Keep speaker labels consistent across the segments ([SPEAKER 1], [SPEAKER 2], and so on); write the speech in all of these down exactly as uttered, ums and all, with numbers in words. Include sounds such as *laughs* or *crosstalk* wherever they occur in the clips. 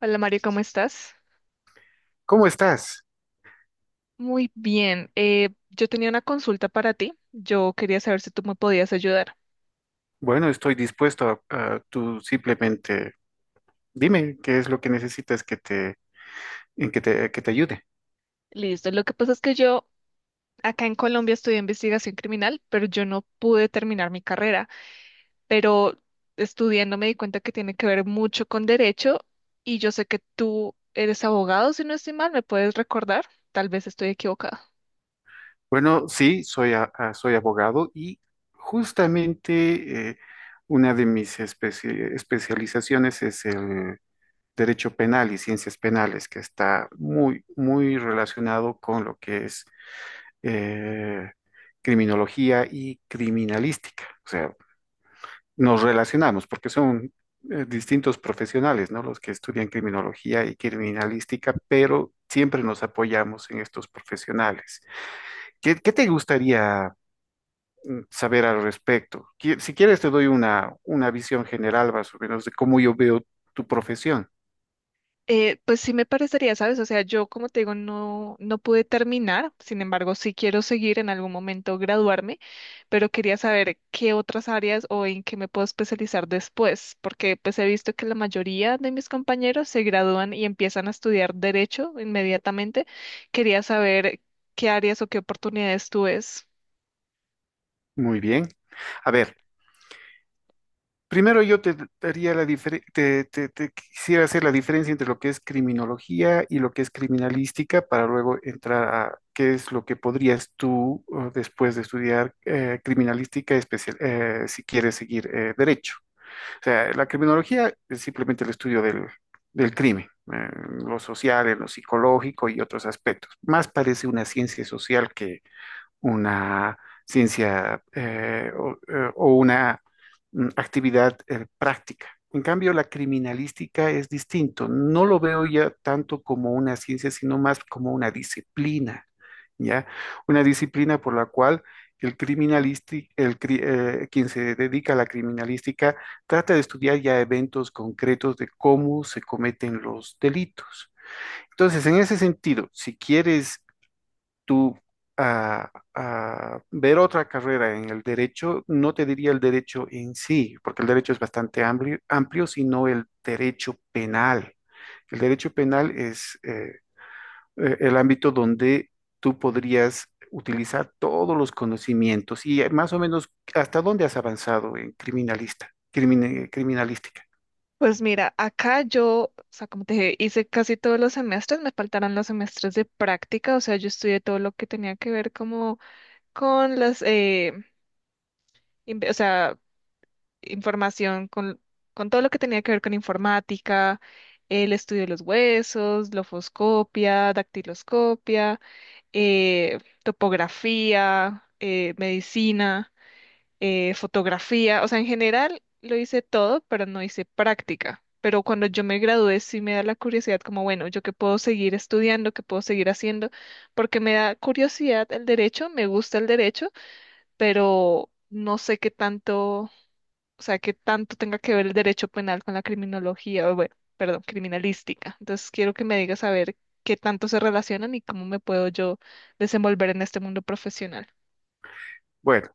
[SPEAKER 1] Hola, Mario, ¿cómo estás?
[SPEAKER 2] ¿Cómo estás?
[SPEAKER 1] Muy bien. Eh, yo tenía una consulta para ti. Yo quería saber si tú me podías ayudar.
[SPEAKER 2] Bueno, estoy dispuesto a, a- tú simplemente dime qué es lo que necesitas que te, en que te, que te ayude.
[SPEAKER 1] Listo. Lo que pasa es que yo acá en Colombia estudié investigación criminal, pero yo no pude terminar mi carrera. Pero estudiando me di cuenta que tiene que ver mucho con derecho, y yo sé que tú eres abogado, si no estoy mal, ¿me puedes recordar? Tal vez estoy equivocada.
[SPEAKER 2] Bueno, sí, soy, a- a- soy abogado y justamente eh, una de mis especi- especializaciones es el derecho penal y ciencias penales, que está muy, muy relacionado con lo que es eh, criminología y criminalística. O sea, nos relacionamos, porque son eh, distintos profesionales, ¿no? Los que estudian criminología y criminalística, pero siempre nos apoyamos en estos profesionales. ¿Qué, qué te gustaría saber al respecto? Qui- Si quieres, te doy una, una visión general más o menos de cómo yo veo tu profesión.
[SPEAKER 1] Eh, pues sí me parecería, ¿sabes? O sea, yo como te digo, no, no pude terminar, sin embargo, sí quiero seguir en algún momento graduarme, pero quería saber qué otras áreas o en qué me puedo especializar después, porque pues he visto que la mayoría de mis compañeros se gradúan y empiezan a estudiar derecho inmediatamente. Quería saber qué áreas o qué oportunidades tú ves.
[SPEAKER 2] Muy bien. A ver. Primero yo te daría la difere- te, te- te quisiera hacer la diferencia entre lo que es criminología y lo que es criminalística para luego entrar a qué es lo que podrías tú eh, después de estudiar eh, criminalística especial eh, si quieres seguir eh, derecho. O sea, la criminología es simplemente el estudio del, del crimen, eh, en lo social, en lo psicológico y otros aspectos. Más parece una ciencia social que una ciencia eh, o, eh, o una mm, actividad eh, práctica. En cambio, la criminalística es distinto. No lo veo ya tanto como una ciencia, sino más como una disciplina, ¿ya? Una disciplina por la cual el criminalisti- el, cri- eh, quien se dedica a la criminalística trata de estudiar ya eventos concretos de cómo se cometen los delitos. Entonces, en ese sentido, si quieres tú a, a ver otra carrera en el derecho, no te diría el derecho en sí, porque el derecho es bastante amplio, amplio, sino el derecho penal. El derecho penal es eh, eh, el ámbito donde tú podrías utilizar todos los conocimientos y eh, más o menos hasta dónde has avanzado en criminalista, crimin- criminalística.
[SPEAKER 1] Pues mira, acá yo, o sea, como te dije, hice casi todos los semestres, me faltaron los semestres de práctica, o sea, yo estudié todo lo que tenía que ver como con las, eh, inve- o sea, información, con, con todo lo que tenía que ver con informática, el estudio de los huesos, lofoscopia, dactiloscopia, eh, topografía, eh, medicina, eh, fotografía, o sea, en general lo hice todo, pero no hice práctica. Pero cuando yo me gradué sí me da la curiosidad como, bueno, yo qué puedo seguir estudiando, qué puedo seguir haciendo, porque me da curiosidad el derecho, me gusta el derecho, pero no sé qué tanto, o sea, qué tanto tenga que ver el derecho penal con la criminología, o bueno, perdón, criminalística. Entonces quiero que me digas a ver qué tanto se relacionan y cómo me puedo yo desenvolver en este mundo profesional.
[SPEAKER 2] Bueno,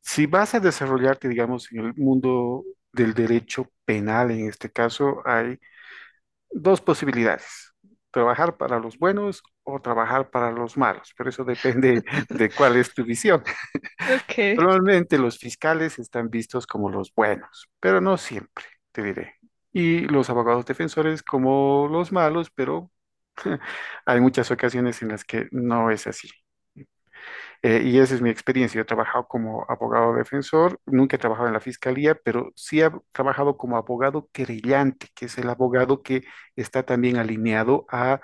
[SPEAKER 2] si vas a desarrollarte, digamos, en el mundo del derecho penal, en este caso, hay dos posibilidades, trabajar para los buenos o trabajar para los malos, pero eso depende *laughs* de
[SPEAKER 1] *laughs*
[SPEAKER 2] cuál es tu visión.
[SPEAKER 1] Ok.
[SPEAKER 2] Normalmente los fiscales están vistos como los buenos, pero no siempre, te diré. Y los abogados defensores como los malos, pero hay muchas ocasiones en las que no es así. Eh, y esa es mi experiencia. Yo he trabajado como abogado defensor, nunca he trabajado en la fiscalía, pero sí he trabajado como abogado querellante, que es el abogado que está también alineado a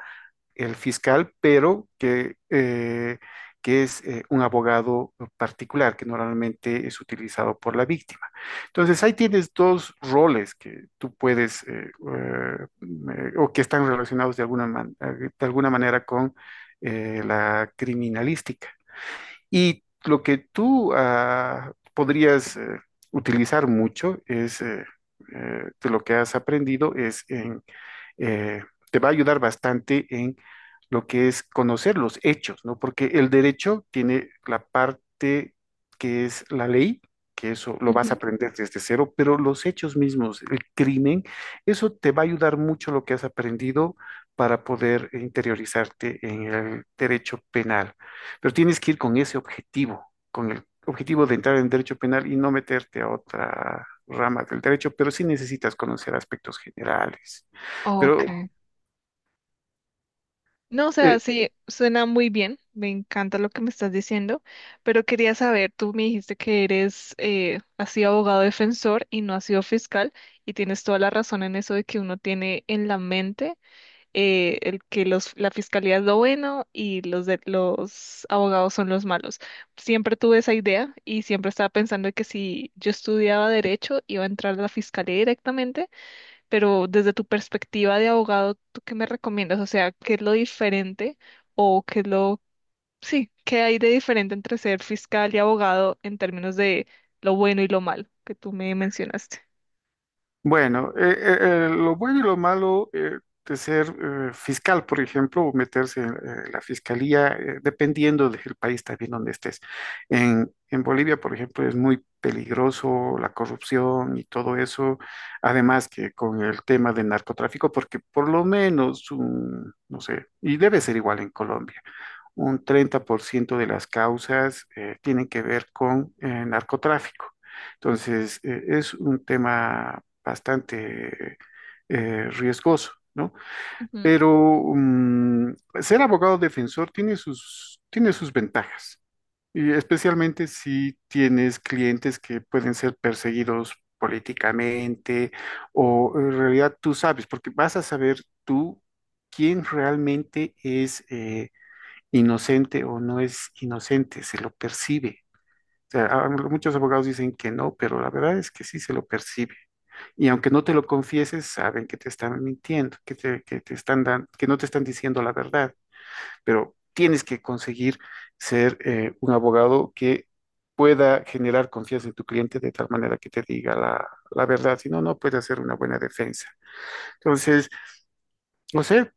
[SPEAKER 2] el fiscal, pero que, eh, que es eh, un abogado particular que normalmente es utilizado por la víctima. Entonces, ahí tienes dos roles que tú puedes, eh, eh, o que están relacionados de alguna, man- eh, de alguna manera con eh, la criminalística. Y lo que tú ah, podrías eh, utilizar mucho es... eh, eh, de lo que has aprendido es en eh, te va a ayudar bastante en lo que es conocer los hechos, ¿no? Porque el derecho tiene la parte que es la ley, que eso lo vas a
[SPEAKER 1] Ujú.
[SPEAKER 2] aprender desde cero, pero los hechos mismos, el crimen, eso te va a ayudar mucho lo que has aprendido para poder interiorizarte en el derecho penal. Pero tienes que ir con ese objetivo, con el objetivo de entrar en derecho penal y no meterte a otra rama del derecho, pero sí necesitas conocer aspectos generales.
[SPEAKER 1] Ok.
[SPEAKER 2] Pero
[SPEAKER 1] No, o sea,
[SPEAKER 2] eh,
[SPEAKER 1] sí, suena muy bien, me encanta lo que me estás diciendo, pero quería saber, tú me dijiste que eres, eh, has sido abogado defensor y no has sido fiscal, y tienes toda la razón en eso de que uno tiene en la mente eh, el que los, la fiscalía es lo bueno y los, de, los abogados son los malos. Siempre tuve esa idea y siempre estaba pensando que si yo estudiaba derecho iba a entrar a la fiscalía directamente, pero desde tu perspectiva de abogado, ¿tú qué me recomiendas? O sea, ¿qué es lo diferente o qué es lo... Sí, ¿qué hay de diferente entre ser fiscal y abogado en términos de lo bueno y lo malo que tú me mencionaste?
[SPEAKER 2] bueno, eh, eh, eh, lo bueno y lo malo eh, de ser eh, fiscal, por ejemplo, o meterse en eh, la fiscalía, eh, dependiendo del país también donde estés. En, en Bolivia, por ejemplo, es muy peligroso la corrupción y todo eso, además que con el tema de narcotráfico, porque por lo menos, un, no sé, y debe ser igual en Colombia. Un treinta por ciento de las causas eh, tienen que ver con eh, narcotráfico. Entonces, eh, es un tema bastante eh, riesgoso, ¿no? Pero mm, ser abogado defensor tiene sus, tiene sus ventajas, y especialmente si tienes clientes que pueden ser perseguidos políticamente o en realidad tú sabes, porque vas a saber tú quién realmente es eh, inocente o no es inocente, se lo percibe. O sea, a- muchos abogados dicen que no, pero la verdad es que sí se lo percibe. Y aunque no te lo confieses, saben que te están mintiendo, que te, que te están dan- que no te están diciendo la verdad, pero tienes que conseguir ser eh, un abogado que pueda generar confianza en tu cliente de tal manera que te diga la, la verdad, si no, no puede hacer una buena defensa. Entonces, no sé,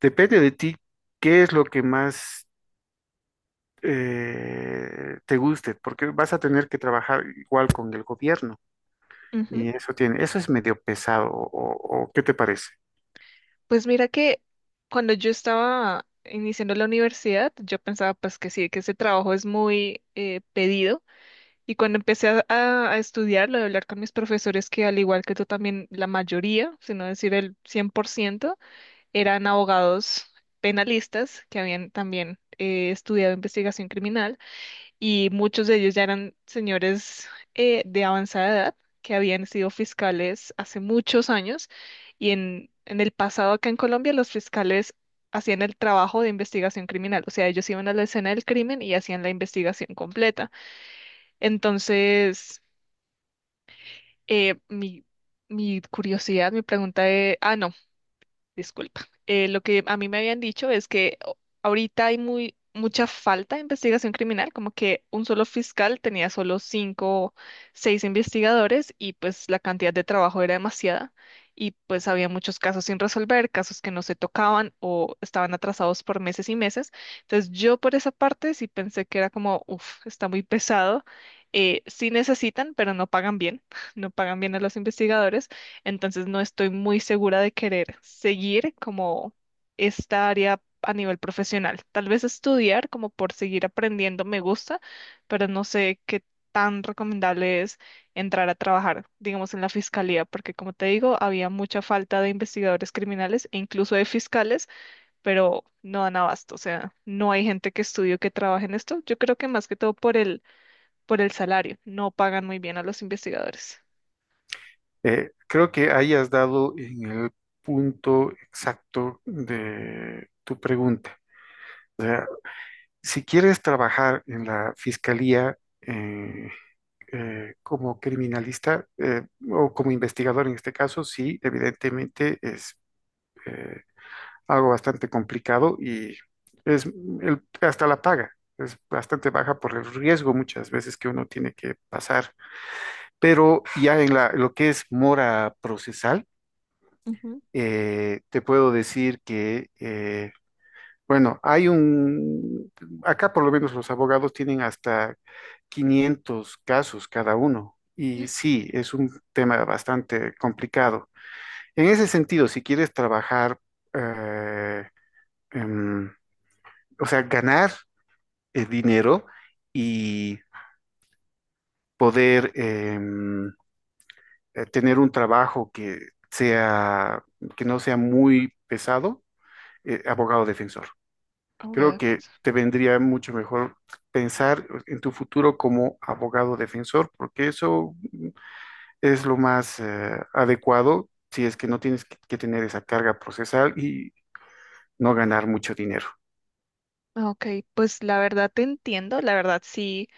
[SPEAKER 2] depende de ti qué es lo que más eh, te guste, porque vas a tener que trabajar igual con el gobierno
[SPEAKER 1] Ujú,
[SPEAKER 2] y
[SPEAKER 1] ujú.
[SPEAKER 2] eso tiene, eso es medio pesado, o, o- o ¿qué te parece?
[SPEAKER 1] Pues mira que cuando yo estaba iniciando la universidad, yo pensaba pues que sí, que ese trabajo es muy eh, pedido. Y cuando empecé a, a- a estudiar, lo de hablar con mis profesores, que al igual que tú también, la mayoría, si no decir el cien por ciento eran abogados penalistas que habían también eh, estudiado investigación criminal, y muchos de ellos ya eran señores eh, de avanzada edad que habían sido fiscales hace muchos años, y en, en el pasado acá en Colombia los fiscales hacían el trabajo de investigación criminal, o sea, ellos iban a la escena del crimen y hacían la investigación completa. Entonces, eh, mi, mi curiosidad, mi pregunta es, ah, no. Disculpa. Eh, lo que a mí me habían dicho es que o- ahorita hay muy, mucha falta de investigación criminal, como que un solo fiscal tenía solo cinco, seis investigadores y pues la cantidad de trabajo era demasiada y pues había muchos casos sin resolver, casos que no se tocaban o estaban atrasados por meses y meses. Entonces yo por esa parte sí pensé que era como, uff, está muy pesado. Eh, sí necesitan, pero no pagan bien, *laughs* no pagan bien a los investigadores. Entonces no estoy muy segura de querer seguir como esta área a nivel profesional. Tal vez estudiar como por seguir aprendiendo me gusta, pero no sé qué tan recomendable es entrar a trabajar, digamos, en la fiscalía, porque como te digo, había mucha falta de investigadores criminales e incluso de fiscales, pero no dan abasto, o sea, no hay gente que estudie o que trabaje en esto. Yo creo que más que todo por el, por el salario, no pagan muy bien a los investigadores.
[SPEAKER 2] Eh, creo que ahí has dado en el punto exacto de tu pregunta. Si quieres trabajar en la fiscalía eh, eh, como criminalista eh, o como investigador en este caso, sí, evidentemente es eh, algo bastante complicado y es el- hasta la paga. Es bastante baja por el riesgo muchas veces que uno tiene que pasar. Pero ya en la, lo que es mora procesal,
[SPEAKER 1] Ujú.
[SPEAKER 2] eh, te puedo decir que, eh, bueno, hay un, acá por lo menos los abogados tienen hasta quinientos casos cada uno. Y sí, es un tema bastante complicado. En ese sentido, si quieres trabajar eh, em, o sea, ganar eh, dinero y poder em, eh, tener un trabajo que sea, que no sea muy pesado, eh, abogado defensor.
[SPEAKER 1] Abogada de
[SPEAKER 2] Creo que
[SPEAKER 1] defensa.
[SPEAKER 2] te vendría mucho mejor pensar en tu futuro como abogado defensor, porque eso es lo más eh, adecuado si es que no tienes que, que tener esa carga procesal y no ganar mucho dinero.
[SPEAKER 1] Ah, ok, pues la verdad te entiendo, la verdad sí,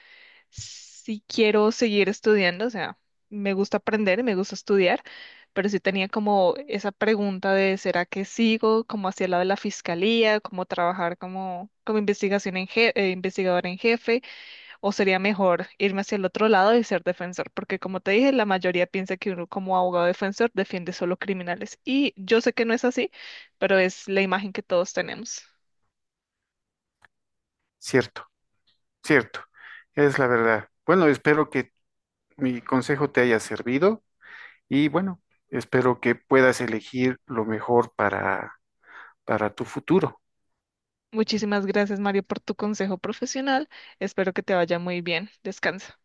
[SPEAKER 1] sí quiero seguir estudiando, o sea, me gusta aprender, me gusta estudiar, pero sí tenía como esa pregunta de ¿será que sigo como hacia el lado de la fiscalía, como trabajar como, como investigación en je- eh, investigador en jefe, o sería mejor irme hacia el otro lado y ser defensor? Porque como te dije, la mayoría piensa que uno como abogado defensor defiende solo criminales, y yo sé que no es así, pero es la imagen que todos tenemos.
[SPEAKER 2] Cierto, cierto, es la verdad. Bueno, espero que mi consejo te haya servido y bueno, espero que puedas elegir lo mejor para, para tu futuro.
[SPEAKER 1] Muchísimas gracias, Mario, por tu consejo profesional. Espero que te vaya muy bien. Descansa.